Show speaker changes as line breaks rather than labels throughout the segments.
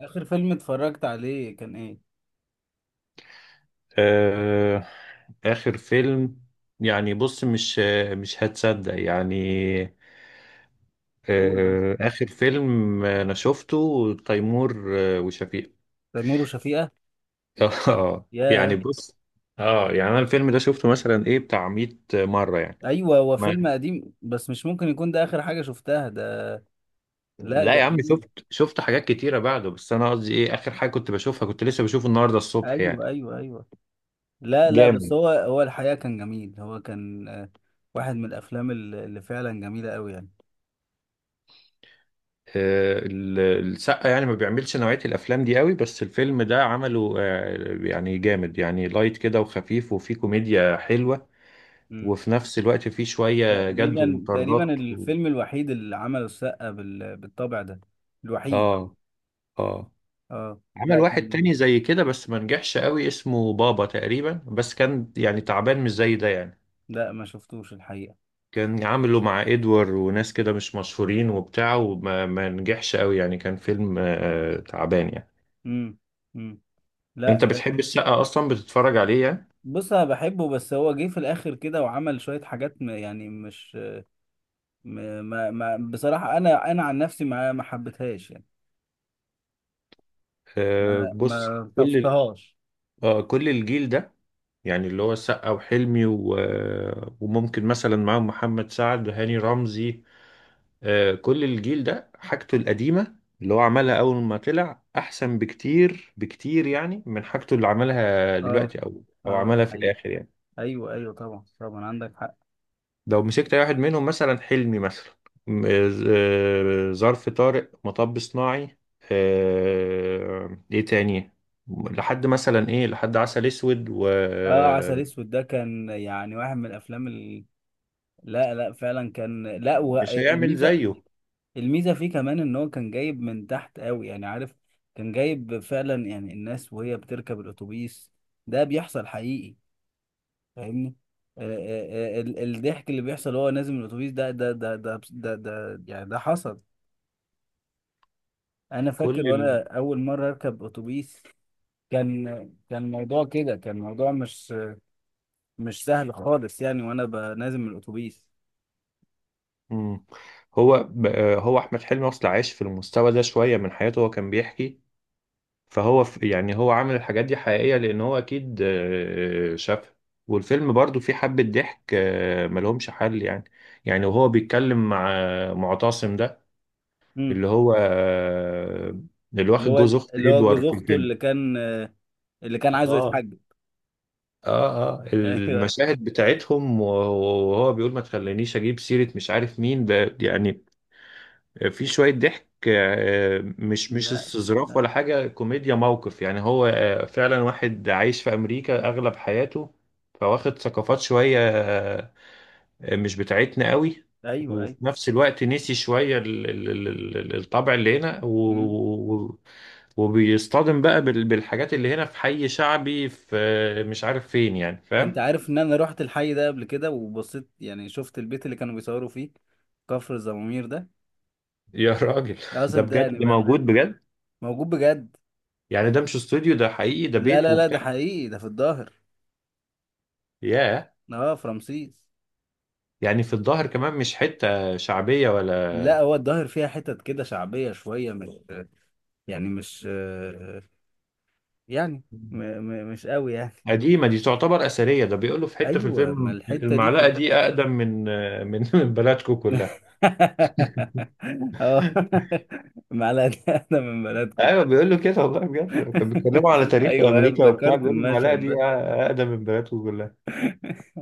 اخر فيلم اتفرجت عليه كان ايه؟
آه، آخر فيلم. يعني بص مش هتصدق يعني.
قول بس.
آه، آخر فيلم أنا شفته تيمور وشفيقة.
تيمور وشفيقة.
آه، يعني
ياه.
بص. اه، يعني أنا الفيلم ده شفته مثلا إيه بتاع 100 مرة يعني.
ايوه، هو
ما
فيلم قديم بس مش ممكن يكون ده اخر حاجة شفتها ده. لا،
لا
ده
يا عم،
قديم.
شفت حاجات كتيرة بعده، بس أنا قصدي إيه آخر حاجة كنت بشوفها، كنت لسه بشوفه النهاردة الصبح
ايوه،
يعني.
ايوه، ايوه. لا، لا، بس
جامد.
هو الحقيقة كان جميل، هو كان واحد من الافلام اللي فعلا جميلة قوي يعني.
آه، السقا يعني ما بيعملش نوعية الأفلام دي قوي، بس الفيلم ده عمله، يعني جامد يعني لايت كده وخفيف وفيه كوميديا حلوة.
امم.
وفي نفس الوقت فيه شوية جد
تقريبا،
ومطاردات
تقريبا
و.
الفيلم الوحيد اللي عمله السقا بالطبع ده. الوحيد.
اه. اه.
اه،
عمل
لا،
واحد
كان.
تاني زي كده بس ما نجحش قوي، اسمه بابا تقريبا، بس كان يعني تعبان مش زي ده يعني.
لا، ما شفتوش الحقيقة.
كان عامله مع ادوار وناس كده مش مشهورين وبتاع، وما ما نجحش قوي يعني، كان فيلم تعبان يعني.
امم. امم. لا.
انت بتحب السقا اصلا؟ بتتفرج عليه يعني؟
بص، انا بحبه بس هو جه في الاخر كده وعمل شويه حاجات يعني مش ما بصراحه انا عن نفسي ما حبيتهاش يعني.
آه،
ما
بص،
ما
كل ال-
طفتهاش.
آه، كل الجيل ده، يعني اللي هو السقا وحلمي وممكن مثلا معاهم محمد سعد وهاني رمزي. آه، كل الجيل ده حاجته القديمة اللي هو عملها أول ما طلع أحسن بكتير بكتير يعني، من حاجته اللي عملها
اه،
دلوقتي أو
اه، دي
عملها في
حقيقة.
الآخر يعني.
ايوه، ايوه، طبعا، طبعا عندك حق.
لو مسكت اي واحد منهم مثلا حلمي مثلا ظرف طارق، مطب صناعي، ايه تاني، لحد مثلا ايه لحد عسل اسود،
اه، عسل
ومش
اسود ده كان يعني واحد من الافلام لا، لا، فعلا كان. لا،
هيعمل
والميزه،
زيه.
الميزه فيه كمان ان هو كان جايب من تحت قوي يعني، عارف. كان جايب فعلا يعني الناس وهي بتركب الاتوبيس. ده بيحصل حقيقي. فاهمني. الضحك اللي بيحصل وهو نازل من الاتوبيس ده يعني ده حصل. انا فاكر
كل ال...
وانا اول مره اركب اتوبيس. كان كان الموضوع كده، كان الموضوع مش سهل خالص يعني، وانا نازل من الاتوبيس.
مم. هو ب- آه، هو احمد حلمي اصلا عايش في المستوى ده شويه من حياته، هو كان بيحكي. يعني هو عامل الحاجات دي حقيقية، لأن هو أكيد شافها. والفيلم برضو فيه حبة ضحك، ملهمش حل يعني. يعني وهو بيتكلم مع معتصم ده،
امم.
اللي هو آه، اللي
اللي
واخد
هو
جوز أخت
اللي هو
إدوار
جوز
في
اخته اللي
الفيلم.
كان اللي كان عايزه
اه.
يتحجب.
اه. اه.
ايوه.
المشاهد بتاعتهم وهو بيقول ما تخلينيش اجيب سيرة مش عارف مين يعني. في شوية ضحك، مش
لا،
استظراف
لا.
ولا حاجة، كوميديا موقف يعني هو فعلا واحد عايش في أمريكا أغلب حياته. فواخد ثقافات شوية مش بتاعتنا قوي.
ايوه،
وفي
ايوه.
نفس الوقت نسي شوية الطبع اللي هنا
امم.
وبيصطدم بقى بالحاجات اللي هنا في حي شعبي، في مش عارف فين يعني،
انت
فاهم؟
عارف ان انا رحت الحي ده قبل كده وبصيت، يعني شفت البيت اللي كانوا بيصوروا فيه؟ كفر الزمامير ده.
يا راجل!
لا،
ده بجد،
صدقني
ده
بقى.
موجود بجد.
موجود بجد.
يعني ده مش استوديو، ده حقيقي، ده
لا،
بيت
لا، لا،
وبتاع.
ده حقيقي، ده في الظاهر.
ياه.
اه، في رمسيس.
يعني في الظاهر كمان مش حتة شعبية ولا
لا، هو الظاهر فيها حتت كده شعبية شوية، مش يعني مش يعني م م مش قوي يعني.
قديمة، دي تعتبر أثرية. ده بيقولوا في حتة في
ايوه، ما
الفيلم
الحتة دي
المعلقة
كلها.
دي أقدم من من بلدكم كلها.
اه. معلقة. انا من بلدكم.
أيوة بيقولوا كده والله بجد، كانوا بيتكلموا على تاريخ
ايوه، أيوة،
أمريكا وبتاع،
افتكرت
بيقولوا المعلقة
المشهد ده.
دي أقدم من بلدكم كلها.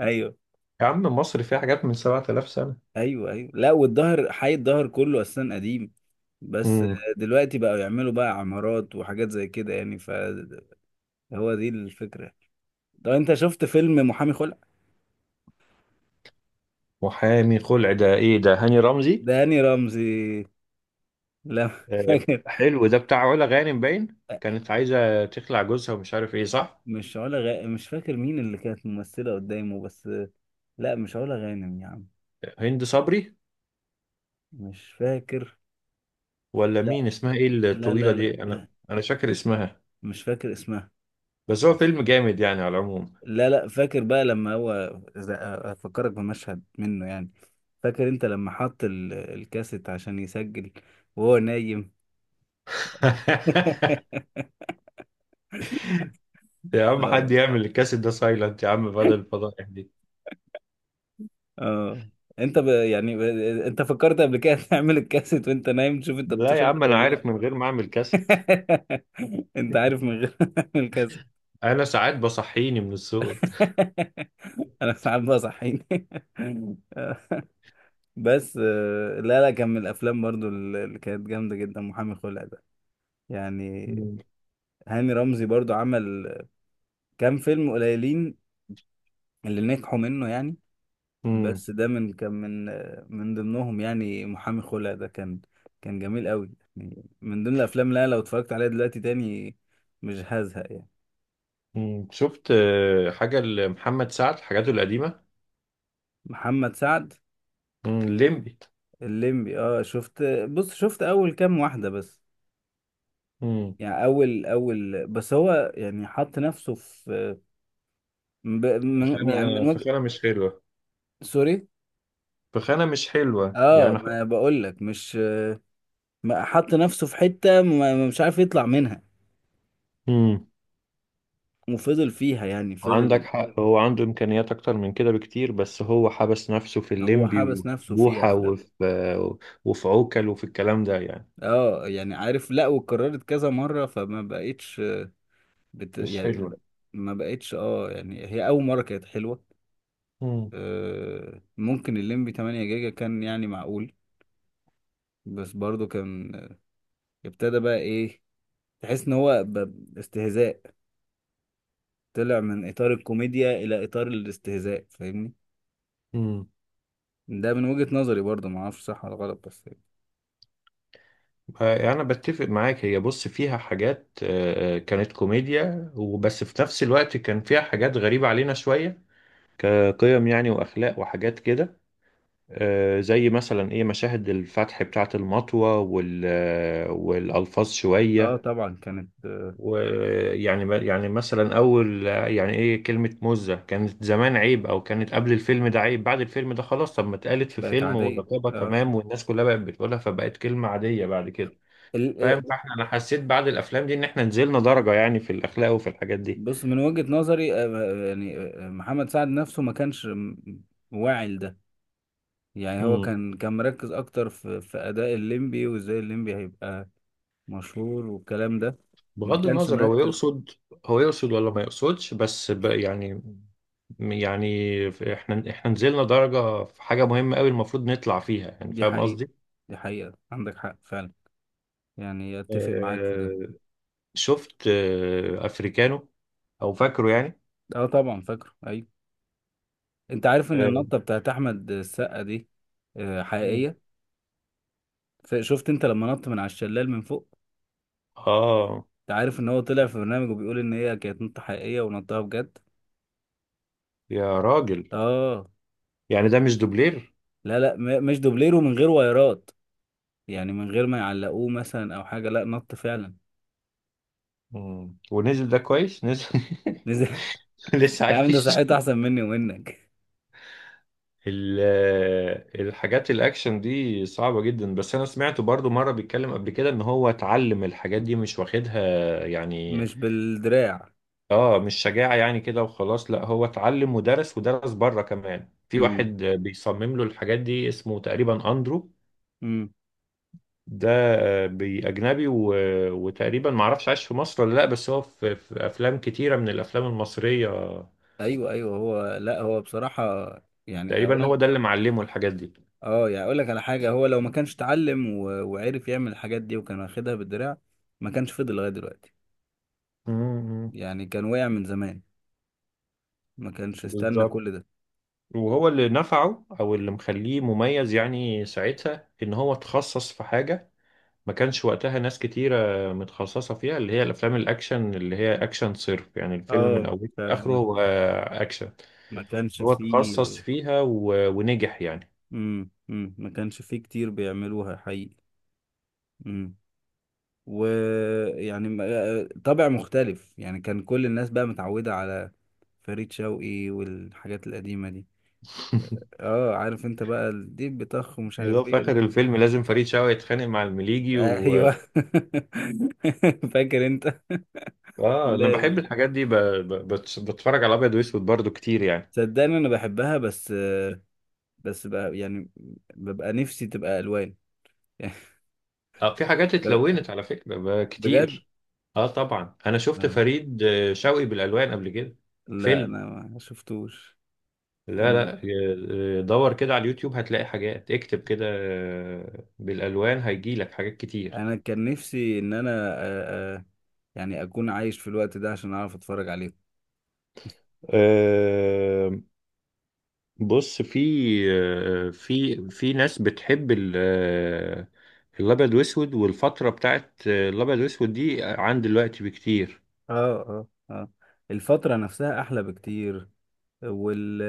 ايوه،
يا عم، مصر فيها حاجات من 7000 سنة.
ايوه، ايوه. لا، والظهر، حي الظهر كله اصلا قديم. بس
امم.
دلوقتي بقوا يعملوا بقى عمارات وحاجات زي كده يعني، فهو دي الفكره. طب انت شفت فيلم محامي خلع؟
محامي خلع، ده إيه ده، هاني رمزي؟
داني رمزي. لا،
آه،
فاكر.
حلو ده، بتاع علا غانم، باين كانت عايزة تخلع جوزها ومش عارف إيه، صح؟
مش علا غ... مش فاكر مين اللي كانت ممثله قدامه بس. لا، مش علا غانم يا عم.
هند صبري؟
مش فاكر.
ولا
لا،
مين، اسمها ايه
لا،
الطويلة
لا، لا.
دي، انا
لا،
انا فاكر اسمها.
مش فاكر اسمها.
بس هو فيلم جامد يعني على العموم.
لا، لا، فاكر بقى لما هو إذا- افكرك بمشهد منه يعني. فاكر انت لما حط الكاسيت عشان يسجل وهو نايم.
يا عم،
اه،
حد يعمل الكاسيت ده سايلنت يا عم بدل الفضائح دي.
اه، انت يعني انت فكرت قبل كده تعمل الكاسيت وانت نايم تشوف انت
لا يا
بتشفر
عم، انا
ولا
عارف
لا؟
من غير ما اعمل كاسيت،
انت عارف من غير الكاسيت.
انا ساعات بصحيني من الصوت.
انا ساعات بقى صحيني. آه. بس لا، لا، كان من الافلام برضو اللي كانت جامده جدا، محامي خلع ده يعني.
مم.
هاني رمزي برضو عمل كام فيلم قليلين اللي نجحوا منه يعني.
مم.
بس ده من كان من ضمنهم، يعني محامي خلع ده كان جميل قوي، يعني من ضمن الافلام. لا، لو اتفرجت عليها دلوقتي تاني مش هزهق يعني.
مم. شفت حاجة لمحمد سعد حاجاته القديمة؟
محمد سعد.
مم. الليمبي.
الليمبي. اه، شفت. بص، شفت اول كام واحدة بس،
مم.
يعني اول اول. بس هو يعني حط نفسه في من يعني
فخانة
من وجه.
فخانة مش حلوة.
سوري.
فخانة مش حلوة
اه،
يعني.
ما بقول لك مش. ما حط نفسه في حتة مش عارف يطلع منها.
مم.
وفضل فيها يعني،
عندك
فضل.
حق، هو عنده إمكانيات أكتر من كده بكتير، بس هو حبس نفسه في
هو
الليمبي
حبس
وفي
نفسه فيها
بوحة وفي عوكل وفي الكلام ده يعني،
اه، يعني عارف، لا واتكررت كذا مرة فما بقتش
مش
يعني
حلوة.
ما بقتش. اه يعني هي أول مرة كانت حلوة.
مم.
ممكن الليمبي 8 جيجا كان، يعني معقول. بس برضو كان ابتدى بقى ايه، تحس ان هو استهزاء. طلع من اطار الكوميديا الى اطار الاستهزاء، فاهمني؟
مم.
ده من وجهة نظري برضو، ما اعرفش صح ولا غلط بس.
آه، أنا بتفق معاك، هي بص فيها حاجات، كانت كوميديا وبس، في نفس الوقت كان فيها حاجات غريبة علينا شوية، كقيم يعني وأخلاق وحاجات كده. زي مثلا إيه مشاهد الفتح بتاعة المطوة والألفاظ
اه،
شوية.
طبعا كانت
ويعني مثلا اول يعني ايه، كلمة مزة كانت زمان عيب، او كانت قبل الفيلم ده عيب، بعد الفيلم ده خلاص، طب ما اتقالت في
بقت
فيلم
عادية.
ورقابة تمام، والناس كلها بقت بتقولها فبقت كلمة عادية بعد كده. فاهم؟
اه.
فاحنا انا حسيت بعد الافلام دي ان احنا نزلنا درجة يعني في الاخلاق وفي الحاجات دي.
بص، من وجهة نظري يعني محمد سعد نفسه ما كانش واعي لده. يعني هو
امم.
كان مركز اكتر في اداء الليمبي، وازاي الليمبي هيبقى مشهور والكلام ده. ما
بغض
كانش
النظر،
مركز.
هو يقصد ولا ما يقصدش بس يعني. يعني احنا نزلنا درجة في حاجة مهمة قوي المفروض نطلع فيها يعني،
دي
فاهم
حقيقة.
قصدي؟
دي حقيقة، عندك حق فعلا. يعني اتفق معاك في ده.
شفت افريكانو، او فاكره يعني؟
اه، طبعا فاكره، ايوه. انت عارف ان
اه.
النطة بتاعت احمد السقا دي
مم.
حقيقية؟ شفت انت لما نط من على الشلال من فوق؟
آه،
انت عارف ان هو طلع في برنامج وبيقول ان هي كانت نطة حقيقية ونطها بجد؟
يا راجل،
اه.
يعني ده مش دوبلير؟
لا، لا، مش دوبليرو من غير وايرات، يعني من غير ما يعلقوه مثلا او حاجه، لا نط فعلا.
مم. ونزل، ده كويس نزل.
نزل.
لسه
يا عم، ده
عايش.
صحته احسن مني ومنك.
الحاجات الاكشن دي صعبة جدا، بس انا سمعته برضو مرة بيتكلم قبل كده ان هو اتعلم الحاجات دي، مش واخدها يعني.
مش بالدراع.
اه، مش شجاعة يعني كده وخلاص، لا هو اتعلم ودرس ودرس بره كمان، في
امم.
واحد بيصمم له الحاجات دي اسمه تقريبا اندرو.
امم.
ده بأجنبي وتقريبا معرفش عايش في مصر ولا لأ، بس هو في أفلام كتيرة من الأفلام المصرية.
ايوه، ايوه، هو. لا، هو بصراحه، يعني اقول
تقريبا هو ده
لك.
اللي معلمه الحاجات دي.
اه، يعني اقول لك على حاجه، هو لو ما كانش اتعلم وعرف يعمل الحاجات دي وكان واخدها بالدراع ما كانش فضل لغايه دلوقتي.
امم.
يعني كان وقع من زمان، ما كانش استنى
بالظبط.
كل ده.
وهو اللي نفعه او اللي مخليه مميز يعني ساعتها ان هو اتخصص في حاجه، ما كانش وقتها ناس كتيره متخصصه فيها، اللي هي الافلام الاكشن، اللي هي اكشن صرف يعني، الفيلم من
اه،
اوله
فعلا
لاخره
ما
هو اكشن.
ما كانش
هو
فيه.
اتخصص فيها ونجح يعني.
امم. امم. ما كانش فيه كتير بيعملوها حقيقي. امم. ويعني طابع مختلف، يعني كان كل الناس بقى متعودة على فريد شوقي والحاجات القديمة دي. اه، عارف انت بقى، الديب بطخ ومش
اللي هو
عارف
في
ايه ده.
آخر الفيلم لازم فريد شوقي يتخانق مع المليجي و.
ايوه. فاكر انت.
آه، أنا
لا،
بحب الحاجات دي، بتفرج على أبيض وأسود برضو كتير يعني.
صدقني انا بحبها بس بس بقى يعني ببقى نفسي تبقى الوان.
آه، في حاجات
ب-
اتلونت على فكرة
بجد.
كتير. آه، طبعا أنا شفت
آه.
فريد شوقي بالألوان قبل كده.
لا،
فيلم.
انا ما شفتوش.
لا،
يعني
لا، دور كده على اليوتيوب هتلاقي حاجات، اكتب كده بالألوان هيجيلك حاجات كتير.
انا كان نفسي ان انا يعني اكون عايش في الوقت ده عشان اعرف اتفرج عليهم.
آه، بص في في ناس بتحب الابيض واسود، والفتره بتاعت الابيض واسود دي عن دلوقتي بكتير.
اه. اه. اه. الفترة نفسها احلى بكتير وال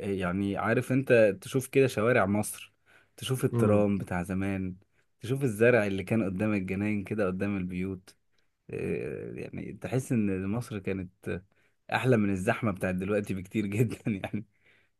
يعني عارف انت، تشوف كده شوارع مصر، تشوف
امم.
الترام بتاع زمان، تشوف الزرع اللي كان قدام الجناين كده، قدام البيوت. يعني تحس ان مصر كانت احلى من الزحمة بتاعت دلوقتي بكتير، جدا يعني.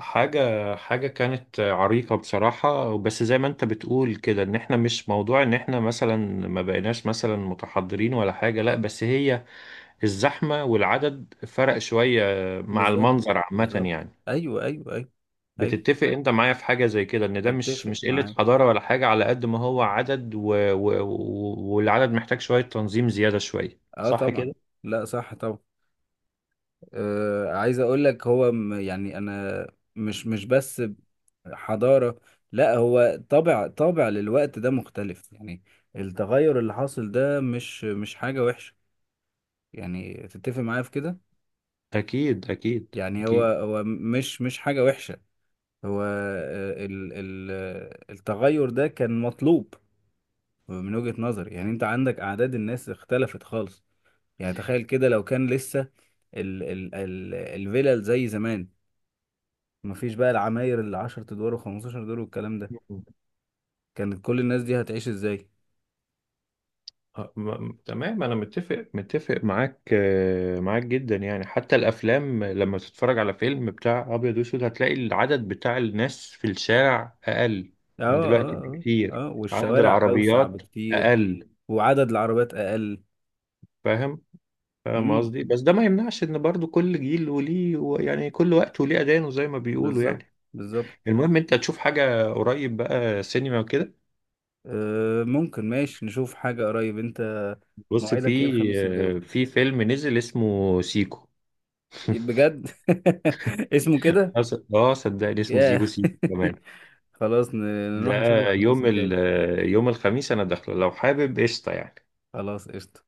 حاجه حاجه كانت عريقه بصراحه، بس زي ما انت بتقول كده، ان احنا مش موضوع ان احنا مثلا ما بقيناش مثلا متحضرين ولا حاجه، لا بس هي الزحمه والعدد فرق شويه مع
بالظبط.
المنظر عامه
بالظبط.
يعني.
ايوه، ايوه، ايوه. ايوه،
بتتفق انت معايا في حاجة زي كده، ان ده مش
اتفق
مش قلة
معاك.
حضارة ولا حاجة، على قد ما هو عدد والعدد محتاج شوية تنظيم زيادة شوية،
اه،
صح
طبعا.
كده؟
لا، صح طبعا. عايز اقول لك هو يعني انا مش بس حضارة. لا، هو طابع طابع للوقت ده مختلف يعني. التغير اللي حاصل ده مش حاجة وحشة، يعني تتفق معايا في كده؟
أكيد، أكيد،
يعني هو
أكيد.
هو مش حاجة وحشة. هو آه، ال ال آه، التغير ده كان مطلوب من وجهة نظري، يعني انت عندك اعداد الناس اختلفت خالص. يعني تخيل كده لو كان لسه ال ال ال الفلل زي زمان، مفيش بقى العماير اللي 10 ادوار و15 دور والكلام ده،
م-
كانت كل الناس دي هتعيش ازاي؟
تمام، أنا متفق معاك جدا يعني، حتى الأفلام لما تتفرج على فيلم بتاع أبيض وأسود هتلاقي العدد بتاع الناس في الشارع أقل
اه،
من دلوقتي
اه،
بكتير،
اه، اه،
عدد
والشوارع اوسع
العربيات
بكتير،
أقل،
وعدد العربيات اقل.
فاهم؟ فاهم
امم.
قصدي؟ بس ده ما يمنعش ان برضو كل جيل وليه يعني كل وقت وليه اذانه زي ما بيقولوا
بالظبط.
يعني.
بالظبط.
المهم انت تشوف حاجة قريب بقى، سينما وكده؟
آه، ممكن، ماشي نشوف حاجة قريب انت.
بص، في
موعدك ايه الخميس الجاي؟
في فيلم نزل اسمه سيكو.
بجد. اسمه كده؟
صدقني اسمه
ياه.
سيكو سيكو كمان.
خلاص،
ده
نروح نشوفه الخميس
يوم ال
الجاي.
يوم الخميس انا داخله، لو حابب قشطة يعني.
خلاص، قشطة.